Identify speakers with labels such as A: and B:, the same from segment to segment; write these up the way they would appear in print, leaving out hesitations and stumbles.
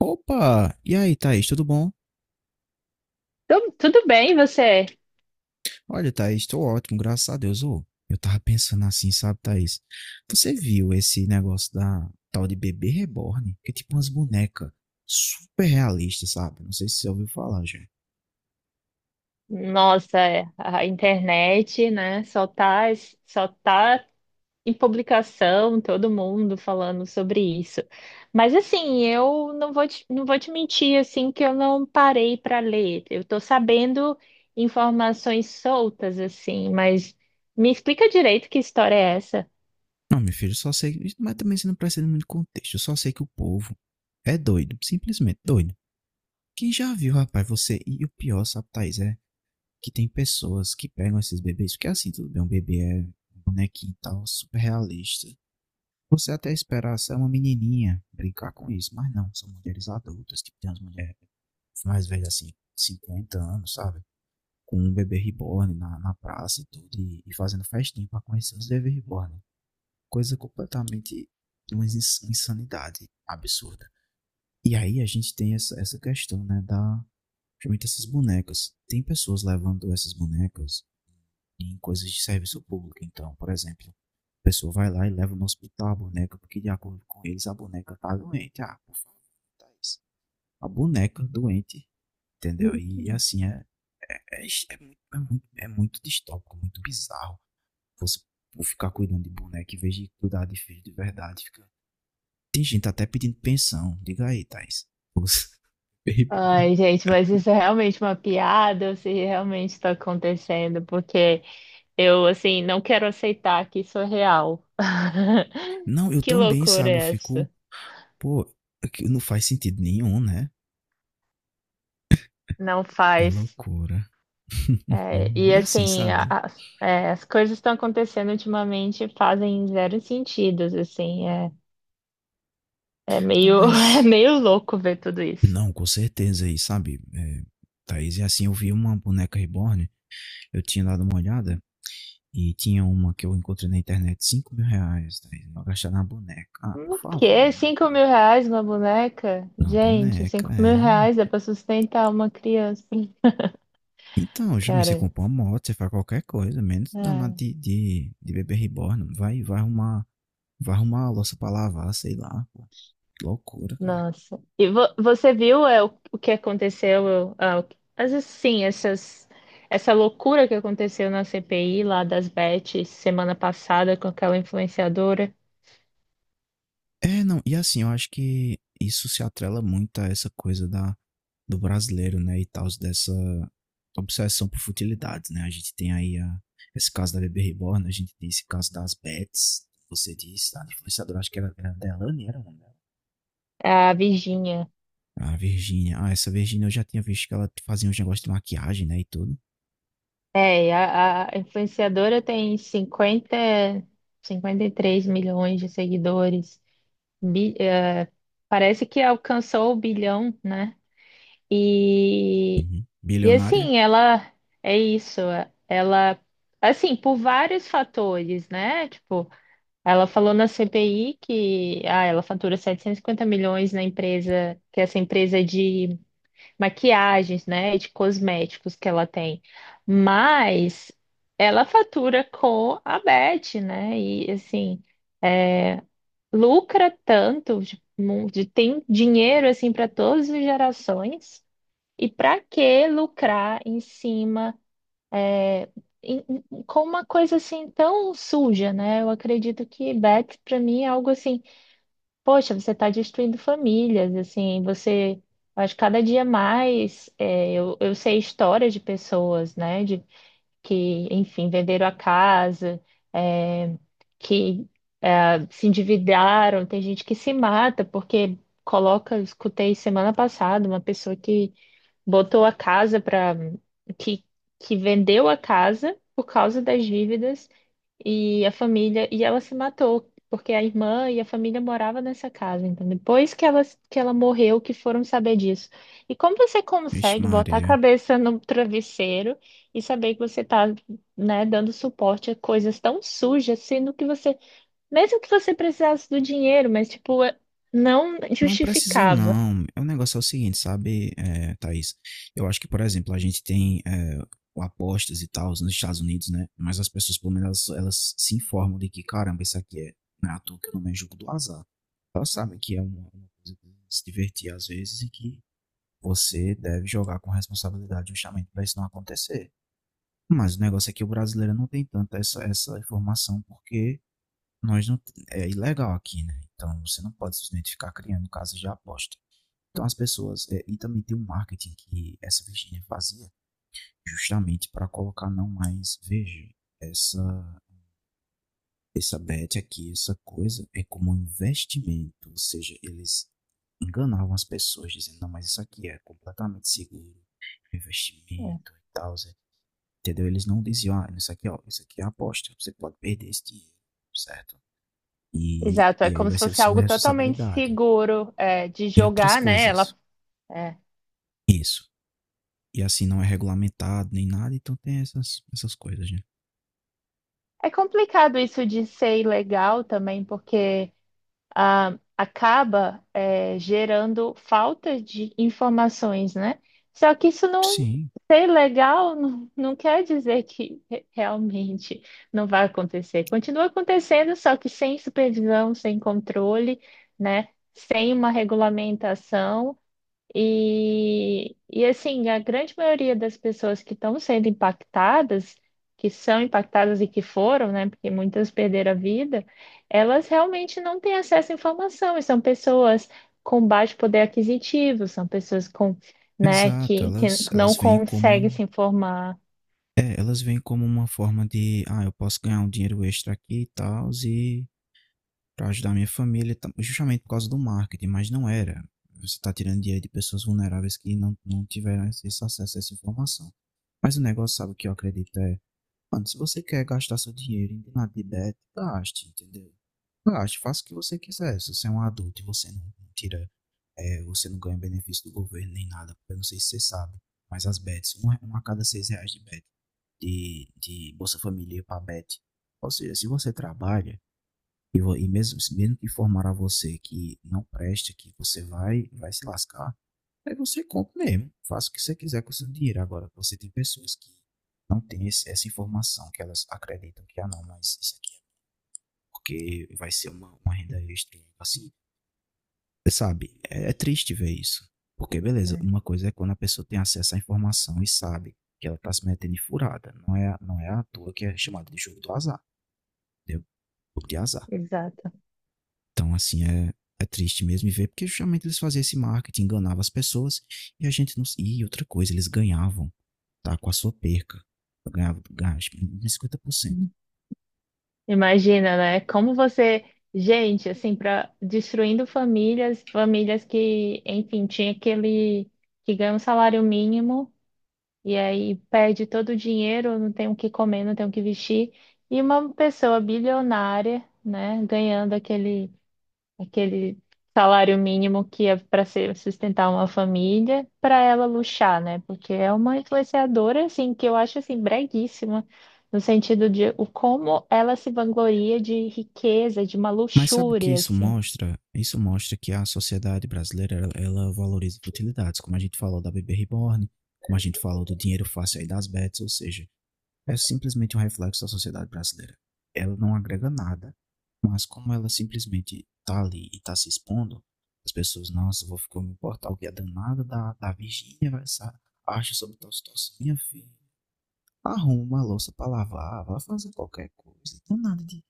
A: Opa! E aí, Thaís, tudo bom?
B: Tudo bem, você?
A: Olha, Thaís, tô ótimo, graças a Deus. Ô, eu tava pensando assim, sabe, Thaís? Você viu esse negócio da tal de bebê reborn? Que é tipo umas bonecas super realistas, sabe? Não sei se você ouviu falar, já.
B: Nossa, é, a internet, né? Só tá em publicação, todo mundo falando sobre isso. Mas assim, eu não vou te, não vou te mentir assim que eu não parei para ler. Eu tô sabendo informações soltas assim, mas me explica direito que história é essa?
A: Não, meu filho, eu só sei, mas também você não precisa de muito contexto. Eu só sei que o povo é doido, simplesmente doido. Quem já viu, rapaz, você. E o pior, sabe, Thaís, é que tem pessoas que pegam esses bebês, porque assim, tudo bem, um bebê é um bonequinho e tal, super realista. Você até esperar ser uma menininha brincar com isso, mas não, são mulheres adultas, que tem umas mulheres mais velhas assim, 50 anos, sabe? Com um bebê reborn na praça e tudo, e fazendo festinha pra conhecer os bebês reborn. Coisa completamente, uma insanidade absurda. E aí a gente tem essa questão, né, da, principalmente essas bonecas. Tem pessoas levando essas bonecas em coisas de serviço público. Então, por exemplo, a pessoa vai lá e leva no hospital a boneca, porque de acordo com eles a boneca tá doente. Ah, por favor, tá isso. A boneca doente, entendeu? E assim, é, é muito distópico, muito bizarro. Você ficar cuidando de boneca em vez de cuidar de filho de verdade. Tem gente até pedindo pensão. Diga aí, Thais.
B: Ai, gente, mas isso é realmente uma piada ou se realmente está acontecendo? Porque eu, assim, não quero aceitar que isso é real.
A: Não, eu
B: Que
A: também,
B: loucura
A: sabe? Eu
B: é
A: fico.
B: essa?
A: Pô, não faz sentido nenhum, né?
B: Não
A: É
B: faz.
A: loucura.
B: É, e,
A: E assim,
B: assim,
A: sabe?
B: as coisas estão acontecendo ultimamente e fazem zero sentido, assim. É
A: Não,
B: meio, é
A: mas.
B: meio louco ver tudo isso.
A: Não, com certeza aí, sabe? É, Thaís, e assim, eu vi uma boneca reborn, eu tinha dado uma olhada, e tinha uma que eu encontrei na internet, 5.000 reais, Thaís, eu vou gastar na boneca. Ah, por
B: O
A: favor,
B: quê?
A: né?
B: Cinco
A: meu
B: mil reais uma boneca?
A: Na
B: Gente,
A: boneca,
B: cinco mil
A: é,
B: reais é
A: rapaz.
B: pra sustentar uma criança.
A: Então, já me você
B: Cara,
A: compra uma moto, você faz qualquer coisa, menos danado
B: é.
A: de bebê reborn, vai arrumar a louça pra lavar, sei lá, pô. Loucura, cara.
B: Nossa. E você viu o que aconteceu? Às vezes, sim, essa loucura que aconteceu na CPI lá das Bet semana passada com aquela influenciadora,
A: É, não, e assim, eu acho que isso se atrela muito a essa coisa da, do brasileiro, né, e tal, dessa obsessão por futilidades, né? A gente tem aí a, esse caso da Bebê Reborn, a gente tem esse caso das Bets, você disse, a influenciadora, acho que era, Delane, era o nome dela.
B: a Virginia.
A: A Virgínia, ah, essa Virgínia eu já tinha visto que ela fazia uns negócios de maquiagem, né, e tudo.
B: É, e a influenciadora tem cinquenta e três milhões de seguidores. Bi- eh, Parece que alcançou o bilhão, né? E
A: Uhum.
B: E
A: Bilionária?
B: assim, é isso, ela assim, por vários fatores, né? Tipo, ela falou na CPI que ela fatura 750 milhões na empresa, que é essa empresa de maquiagens, né, de cosméticos que ela tem. Mas ela fatura com a Beth, né? E assim, lucra tanto, tem dinheiro assim para todas as gerações. E para que lucrar em cima com uma coisa assim tão suja, né? Eu acredito que Beth, para mim, é algo assim, poxa, você está destruindo famílias, assim, você. Eu Acho que cada dia mais eu sei histórias de pessoas, né? De que, enfim, venderam a casa, é, que é, se endividaram, tem gente que se mata, porque coloca, eu escutei semana passada uma pessoa que botou a casa para que, que vendeu a casa por causa das dívidas e a família e ela se matou porque a irmã e a família morava nessa casa. Então depois que ela morreu que foram saber disso. E como você
A: Vixe
B: consegue botar a
A: Maria.
B: cabeça no travesseiro e saber que você está, né, dando suporte a coisas tão sujas, sendo que você mesmo que você precisasse do dinheiro, mas tipo é, não
A: Não precisa
B: justificava.
A: não. O negócio é o seguinte, sabe, é, Thaís? Eu acho que, por exemplo, a gente tem apostas e tal nos Estados Unidos, né? Mas as pessoas, pelo menos, elas se informam de que, caramba, isso aqui é, não é à toa que o é jogo do azar. Elas sabem que é uma coisa de se divertir às vezes e que você deve jogar com responsabilidade justamente para isso não acontecer. Mas o negócio é que o brasileiro não tem tanta essa informação porque nós não, é ilegal aqui, né? Então você não pode simplesmente ficar criando casas de aposta. Então as pessoas. E também tem um marketing que essa Virginia fazia justamente para colocar não mais. Veja, essa, essa bet aqui, essa coisa é como um investimento. Ou seja, eles enganavam as pessoas dizendo, não, mas isso aqui é completamente seguro, é investimento e tal. Zé." Entendeu? Eles não diziam, ah, isso aqui, ó, isso aqui é aposta, você pode perder esse dinheiro, certo? E,
B: Exato, é
A: e aí
B: como
A: vai
B: se
A: ser
B: fosse
A: sua
B: algo totalmente
A: responsabilidade.
B: seguro, é, de
A: E outras
B: jogar, né?
A: coisas.
B: Ela, é.
A: Isso. E assim não é regulamentado nem nada, então tem essas coisas, gente.
B: É complicado isso de ser ilegal também, porque ah, acaba é, gerando falta de informações, né? Só que isso não,
A: Sim,
B: ser ilegal não, não quer dizer que realmente não vai acontecer. Continua acontecendo, só que sem supervisão, sem controle, né? Sem uma regulamentação. E assim, a grande maioria das pessoas que estão sendo impactadas, que são impactadas e que foram, né, porque muitas perderam a vida, elas realmente não têm acesso à informação, e são pessoas com baixo poder aquisitivo, são pessoas com, né,
A: exato.
B: que
A: Elas,
B: não
A: elas vêm
B: conseguem
A: como.
B: se informar.
A: É, elas vêm como uma forma de. Ah, eu posso ganhar um dinheiro extra aqui e tal, e pra ajudar minha família, e tal, justamente por causa do marketing, mas não era. Você tá tirando dinheiro de pessoas vulneráveis que não tiveram esse acesso a essa informação. Mas o negócio, sabe o que eu acredito? É, mano, se você quer gastar seu dinheiro em nada de bet, gaste, entendeu? Gaste, faça o que você quiser. Se você é um adulto e você não tira, você não ganha benefício do governo nem nada, porque eu não sei se você sabe, mas as bets, uma a cada 6 reais de bet, de Bolsa Família para bet. Ou seja, se você trabalha, e mesmo, mesmo que informar a você que não presta, que você vai se lascar, aí você compra mesmo, faça o que você quiser com o seu dinheiro. Agora, você tem pessoas que não têm essa informação, que elas acreditam que, ah não, mas isso aqui é porque vai ser uma renda extra, assim, sabe? É triste ver isso. Porque, beleza,
B: É,
A: uma coisa é quando a pessoa tem acesso à informação e sabe que ela tá se metendo em furada. Não é à toa que é chamado de jogo do azar, entendeu? Jogo de azar.
B: exato.
A: Então, assim, é triste mesmo ver, porque justamente eles faziam esse marketing, enganavam as pessoas e a gente não. E outra coisa, eles ganhavam, tá? Com a sua perca. Ganhava 50%.
B: Imagina, né? Como você, gente, assim, para destruindo famílias, famílias que, enfim, tinha aquele que ganha um salário mínimo e aí perde todo o dinheiro, não tem o que comer, não tem o que vestir, e uma pessoa bilionária, né, ganhando aquele salário mínimo que é para ser sustentar uma família, para ela luxar, né? Porque é uma influenciadora assim que eu acho assim breguíssima no sentido de o como ela se vangloria de riqueza, de uma
A: Mas sabe o que
B: luxúria
A: isso
B: assim.
A: mostra? Isso mostra que a sociedade brasileira, ela valoriza utilidades, como a gente falou da bebê reborn, como a gente falou do dinheiro fácil aí das bets, ou seja, é simplesmente um reflexo da sociedade brasileira. Ela não agrega nada, mas como ela simplesmente tá ali e tá se expondo, as pessoas, nossa, vou ficar me importar o que a danada da Virgínia vai acha sobre tal situação. Minha filha, arruma a louça pra lavar, vai fazer qualquer coisa. Danada de,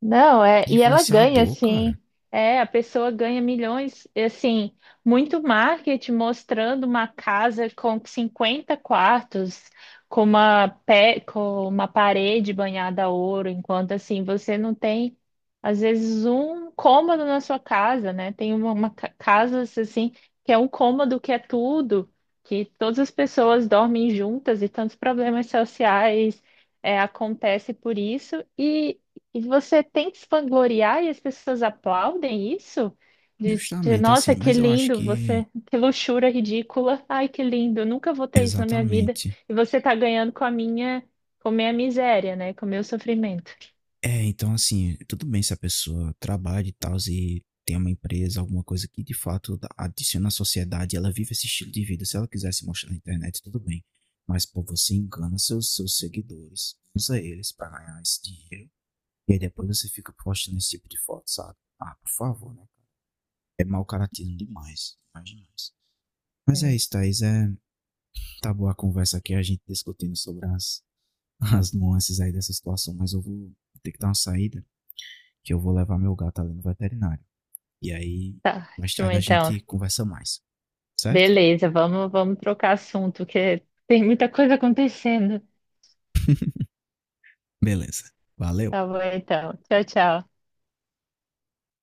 B: Não, é,
A: de
B: e ela ganha,
A: influenciador, cara.
B: assim, é, a pessoa ganha milhões, e, assim, muito marketing mostrando uma casa com 50 quartos, com uma, pé, com uma parede banhada a ouro, enquanto, assim, você não tem, às vezes, um cômodo na sua casa, né? Tem uma casas, assim, que é um cômodo que é tudo, que todas as pessoas dormem juntas e tantos problemas sociais é, acontece por isso. E você tem que se vangloriar e as pessoas aplaudem isso?
A: Justamente
B: Nossa,
A: assim,
B: que
A: mas eu acho
B: lindo
A: que
B: você, que luxúria ridícula. Ai, que lindo, eu nunca vou ter isso na minha vida.
A: exatamente.
B: E você tá ganhando com a minha miséria, né? Com o meu sofrimento.
A: É, então assim, tudo bem se a pessoa trabalha e tal, e tem uma empresa, alguma coisa que de fato adiciona à sociedade, ela vive esse estilo de vida. Se ela quiser se mostrar na internet, tudo bem. Mas, pô, você engana seus seguidores, usa eles pra ganhar esse dinheiro, e aí depois você fica postando esse tipo de foto, sabe? Ah, por favor, né? É mau caratismo demais, demais, demais. Mas é
B: É,
A: isso, Thaís. É, tá boa a conversa aqui, a gente discutindo sobre as nuances aí dessa situação, mas eu vou ter que dar uma saída, que eu vou levar meu gato ali no veterinário. E aí, mais
B: ótimo,
A: tarde a
B: então.
A: gente conversa mais, certo?
B: Beleza, vamos trocar assunto, que tem muita coisa acontecendo.
A: Beleza. Valeu!
B: Tá bom, então. Tchau, tchau.